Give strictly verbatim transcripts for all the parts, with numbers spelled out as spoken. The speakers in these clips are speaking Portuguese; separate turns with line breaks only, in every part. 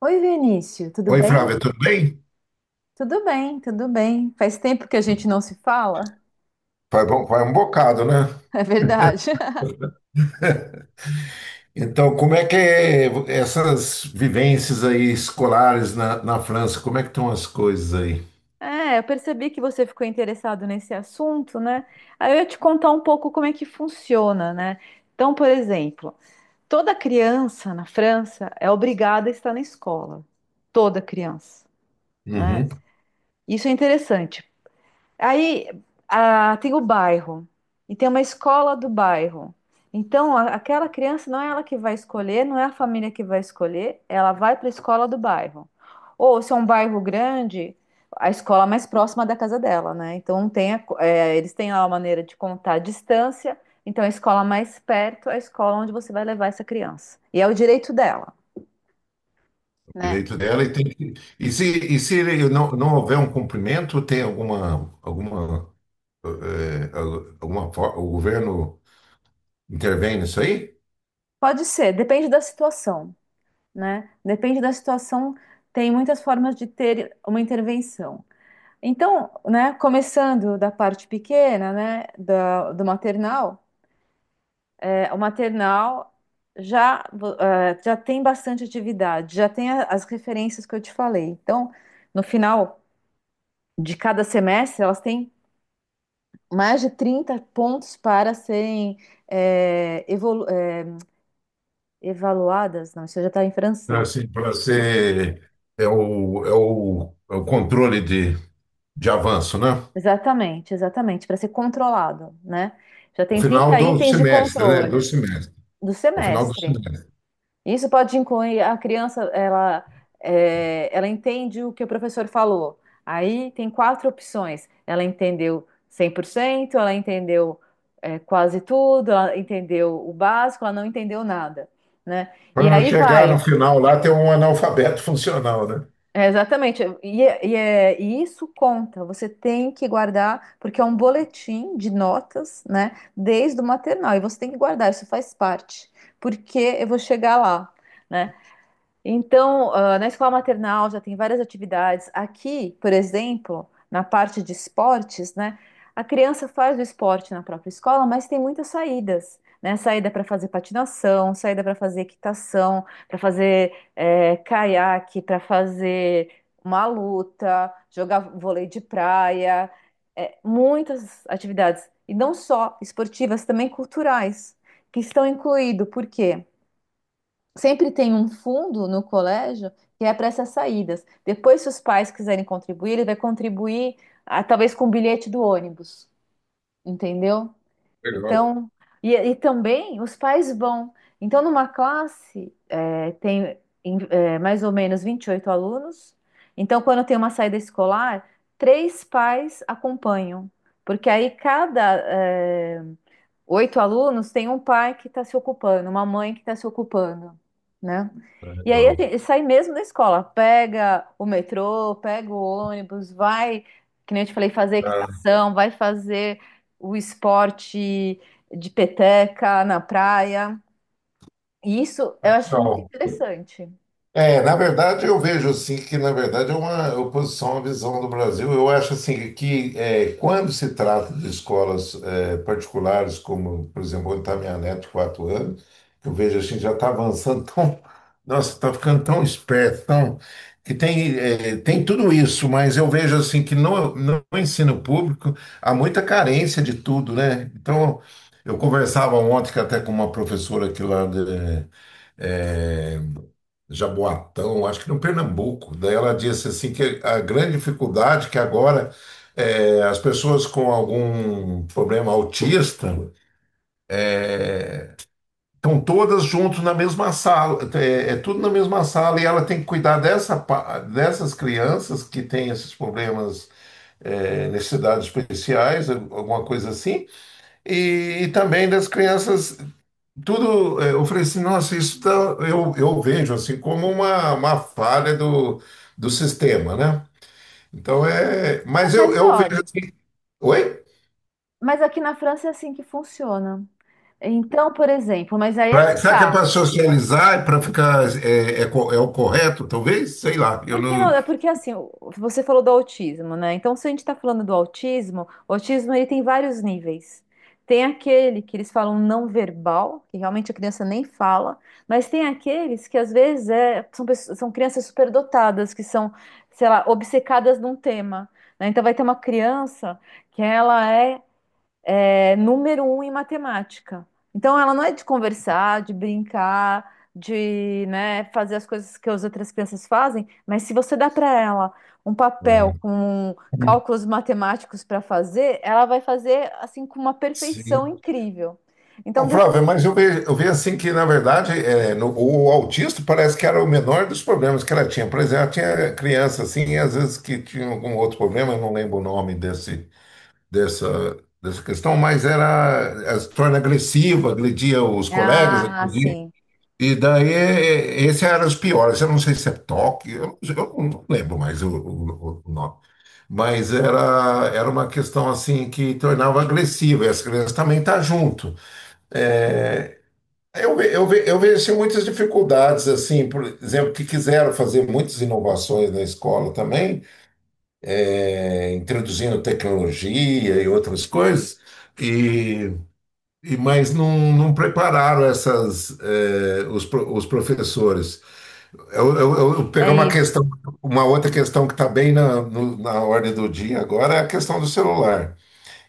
Oi, Vinícius, tudo
Oi,
bem?
Flávia, tudo bem?
Tudo bem, tudo bem. Faz tempo que a gente não se fala,
Faz, bom- faz um bocado, né?
é verdade.
Então, como é que é essas vivências aí escolares na, na França, como é que estão as coisas aí?
É, eu percebi que você ficou interessado nesse assunto, né? Aí eu ia te contar um pouco como é que funciona, né? Então, por exemplo, toda criança na França é obrigada a estar na escola. Toda criança, né?
Uhum.
Isso é interessante. Aí ah, Tem o bairro e tem uma escola do bairro. Então, a- aquela criança não é ela que vai escolher, não é a família que vai escolher, ela vai para a escola do bairro. Ou se é um bairro grande, a escola mais próxima da casa dela, né? Então, tem a co- é, eles têm lá uma maneira de contar a distância. Então, a escola mais perto é a escola onde você vai levar essa criança. E é o direito dela, né?
Direito dela e tem que... E se, e se ele não, não houver um cumprimento, tem alguma, alguma, eh, alguma, fo- o governo intervém nisso aí?
Pode ser, depende da situação, né? Depende da situação, tem muitas formas de ter uma intervenção. Então, né, começando da parte pequena, né, da- do maternal, é, o maternal já, eh, já tem bastante atividade, já tem a- as referências que eu te falei. Então, no final de cada semestre, elas têm mais de trinta pontos para serem eh, evolu- eh, evaluadas. Não, isso já está em francês.
Assim, para ser é o, é o, é o controle de, de avanço, né?
Exatamente, exatamente, para ser controlado, né? Já
Ao
tem
final
trinta
do
itens de
semestre, né? Do
controle
semestre.
do
Ao final do
semestre.
semestre.
Isso pode incluir a criança, ela, é, ela entende o que o professor falou. Aí tem quatro opções. Ela entendeu cem por cento, ela entendeu, é, quase tudo, ela entendeu o básico, ela não entendeu nada, né? E
Quando eu
aí
chegar no
vai.
final lá, tem um analfabeto funcional, né?
É, exatamente. E, é- e, é- e isso conta. Você tem que guardar, porque é um boletim de notas, né? Desde o maternal. E você tem que guardar, isso faz parte. Porque eu vou chegar lá, né? Então, ah, na escola maternal já tem várias atividades. Aqui, por exemplo, na parte de esportes, né? A criança faz o esporte na própria escola, mas tem muitas saídas, né? Saída para fazer patinação, saída para fazer equitação, para fazer eh, caiaque, para fazer uma luta, jogar vôlei de praia, eh, muitas atividades. E não só esportivas, também culturais, que estão incluídos. Por quê? Sempre tem um fundo no colégio que é para essas saídas. Depois, se os pais quiserem contribuir, ele vai contribuir, ah, talvez com o bilhete do ônibus, entendeu?
Legal.
Então, e, e também os pais vão. Então, numa classe, eh, tem em- eh, mais ou menos vinte e oito alunos. Então, quando tem uma saída escolar, três pais acompanham, porque aí cada, é, oito alunos, tem um pai que está se ocupando, uma mãe que está se ocupando, né? E aí a
Legal.
gente sai mesmo da escola, pega o metrô, pega o ônibus, vai, que nem eu te falei, fazer
Ah,
equitação, vai fazer o esporte de peteca na praia. E isso eu acho muito
legal.
interessante.
É, na verdade, eu vejo assim que, na verdade, é uma oposição à visão do Brasil. Eu acho assim que, é, quando se trata de escolas é, particulares, como, por exemplo, onde está minha neta de quatro anos, que eu vejo assim, já está avançando tão. Nossa, está ficando tão esperto, tão, que tem, é, tem tudo isso, mas eu vejo assim que no, no ensino público há muita carência de tudo, né? Então, eu conversava ontem que até com uma professora aqui lá de, é, Jaboatão, acho que no Pernambuco. Daí ela disse assim que a grande dificuldade que agora é, as pessoas com algum problema autista estão todas juntas na mesma sala, é, é tudo na mesma sala e ela tem que cuidar dessa, pa- dessas crianças que têm esses problemas, é, necessidades especiais, alguma coisa assim, e, e também das crianças tudo, eh, eu falei assim, nossa, isso tá, eu, eu vejo assim como uma, uma falha do, do sistema, né? Então é.
Não,
Mas eu,
mas
eu vejo.
olha,
assim, Oi?
mas aqui na França é assim que funciona. Então, por exemplo, mas aí é que
Pra, será que é
está.
para socializar, é para ficar. É, é, co- é o correto, talvez? Sei lá. Eu
Porque não,
não.
é porque assim, o- você falou do autismo, né? Então, se a gente está falando do autismo, o autismo ele tem vários níveis. Tem aquele que eles falam não verbal, que realmente a criança nem fala, mas tem aqueles que às vezes é- são, pessoas- são crianças superdotadas, que são, sei lá, obcecadas num tema, né? Então vai ter uma criança que ela é é número um em matemática. Então, ela não é de conversar, de brincar, de, né, fazer as coisas que as outras crianças fazem, mas se você dá para ela um papel
Hum.
com cálculos matemáticos para fazer, ela vai fazer assim com uma perfeição
Sim.
incrível. Então,
Ô,
de...
Flávio, mas eu vejo, eu vejo assim que, na verdade, é, no- o autista parece que era o menor dos problemas que ela tinha. Por exemplo, ela tinha criança assim, e às vezes que tinha algum outro problema, eu não lembro o nome desse. dessa, dessa questão, mas era, eh, se torna agressiva, agredia os colegas,
ah,
agredia.
sim,
E daí, eh, esses eram os piores. Eu não sei se é toque, eu, não eu não lembro mais o, o- o nome. Mas era, era uma questão assim que tornava agressiva, e as crianças também estão junto. Eu, ve- eu, ve- eu vejo assim, muitas dificuldades, assim, por exemplo, que quiseram fazer muitas inovações na escola também, eh, introduzindo tecnologia e outras coisas. E E, mas não, não prepararam essas, eh, os, pro- os professores. Eu, eu, eu eu pegar uma
é isso.
questão, uma outra questão que está bem na, no- na ordem do dia agora é a questão do celular.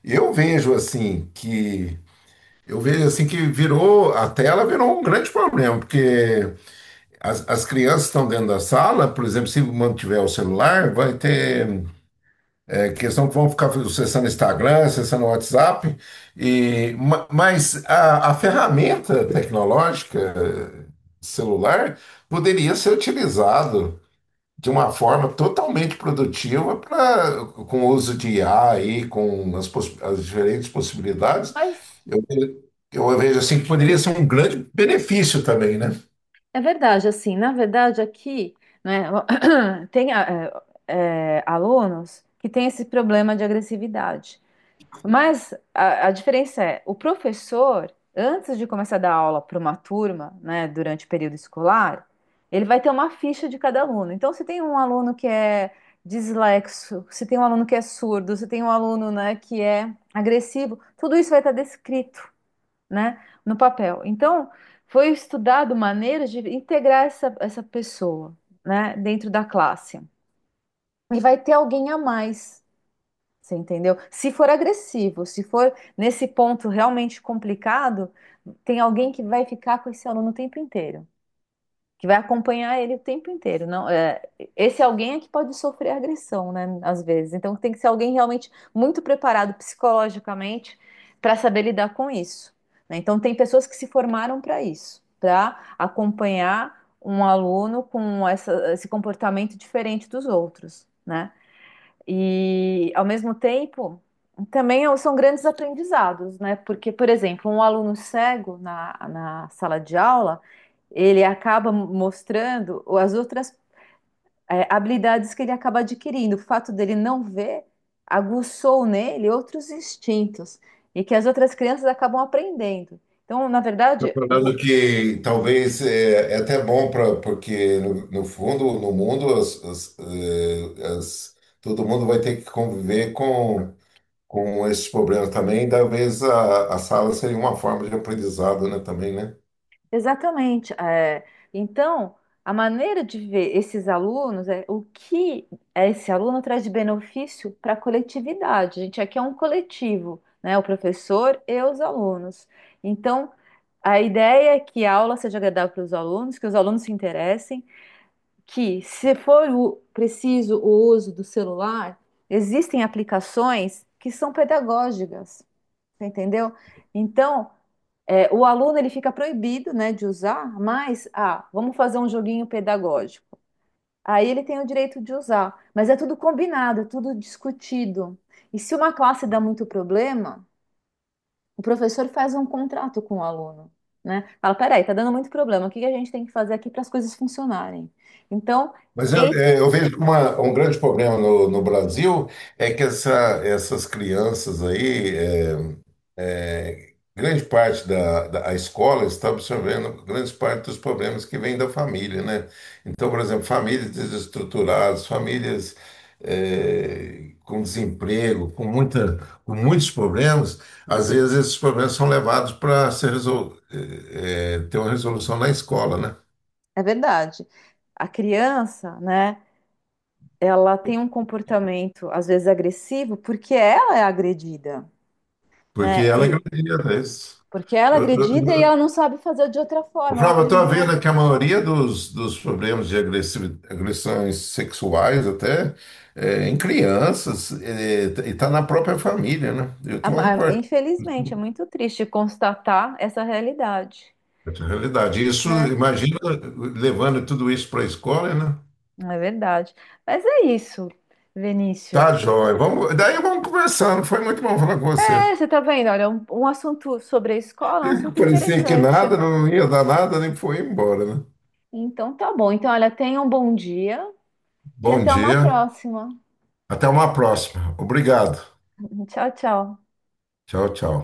Eu vejo assim que eu vejo assim que virou a tela virou um grande problema, porque as, as crianças estão dentro da sala, por exemplo, se mantiver o celular, vai ter é questão que vão ficar acessando Instagram, acessando WhatsApp, e, ma- mas a, a ferramenta tecnológica eh, celular poderia ser utilizado de uma forma totalmente produtiva para com o uso de I A e com as, poss- as diferentes possibilidades.
Mas
Eu, eu vejo assim que poderia ser um grande benefício também, né?
é verdade, assim, na verdade aqui, né, tem ah, eh, eh, alunos que têm esse problema de agressividade. Mas a, a diferença é, o professor, antes de começar a dar aula para uma turma, né, durante o período escolar, ele vai ter uma ficha de cada aluno. Então, se tem um aluno que é dislexo, se tem um aluno que é surdo, se tem um aluno, né, que é agressivo, tudo isso vai estar descrito, né, no papel. Então, foi estudado maneiras de integrar essa, essa pessoa, né, dentro da classe. E vai ter alguém a mais, você entendeu? Se for agressivo, se for nesse ponto realmente complicado, tem alguém que vai ficar com esse aluno o tempo inteiro, que vai acompanhar ele o tempo inteiro. Não, é, esse alguém é que pode sofrer agressão, né? Às vezes. Então tem que ser alguém realmente muito preparado psicologicamente para saber lidar com isso, né? Então tem pessoas que se formaram para isso, para acompanhar um aluno com essa- esse comportamento diferente dos outros, né? E, ao mesmo tempo, também são grandes aprendizados, né? Porque, por exemplo, um aluno cego na, na sala de aula, ele acaba mostrando as outras eh, habilidades que ele acaba adquirindo. O fato dele não ver aguçou nele outros instintos e que as outras crianças acabam aprendendo. Então, na verdade, o...
Falando que talvez é, é até bom para porque no, no fundo no mundo as, as, eh, as- todo mundo vai ter que conviver com com esses problemas também. Talvez a, a sala seria uma forma de aprendizado, né? Também, né?
Exatamente. É, então, a maneira de ver esses alunos é o que esse aluno traz de benefício para a coletividade. A gente aqui é um coletivo, né? O professor e os alunos. Então, a ideia é que a aula seja agradável para os alunos, que os alunos se interessem, que se for o- preciso o uso do celular, existem aplicações que são pedagógicas, você entendeu? Então, é, o aluno ele fica proibido, né, de usar, mas ah, vamos fazer um joguinho pedagógico. Aí ele tem o direito de usar, mas é tudo combinado, é tudo discutido. E se uma classe dá muito problema, o professor faz um contrato com o aluno, né? Fala, peraí, tá dando muito problema. O que que a gente tem que fazer aqui para as coisas funcionarem? Então,
Mas eu,
ei,
é, eu vejo que uma- um grande problema no, no Brasil é que essa, essas crianças aí, é, é, grande parte da, da a escola está absorvendo grande parte dos problemas que vêm da família, né? Então, por exemplo, famílias desestruturadas, famílias é, com desemprego, com muita, com muitos problemas, às vezes esses problemas são levados para ser resol, é, é, ter uma resolução na escola, né?
é verdade. A criança, né? Ela tem um comportamento às vezes agressivo porque ela é agredida,
Porque
né?
ela acredita isso.
Porque ela é
Eu, eu,
agredida e ela
eu,
não sabe fazer de outra
Ô,
forma, ela
Flávio, eu estou
aprendeu.
vendo que a maioria dos, dos problemas de agressi- agressões sexuais até é, em crianças é, e está na própria família, né? Eu
A-
tinha uma
a-
reportagem.
Infelizmente, é muito triste constatar essa realidade,
Na realidade, isso,
né?
imagina levando tudo isso para a escola, né?
É verdade. Mas é isso, Vinícius.
Tá, joia. Vamos, daí vamos conversando. Foi muito bom falar com você.
É, você tá vendo, olha, um, um assunto sobre a escola, é um assunto
Parecia que
interessante.
nada, não ia dar nada, nem foi embora, né?
Então tá bom. Então, olha, tenha um bom dia e
Bom
até uma
dia.
próxima.
Até uma próxima. Obrigado.
Tchau, tchau.
Tchau, tchau.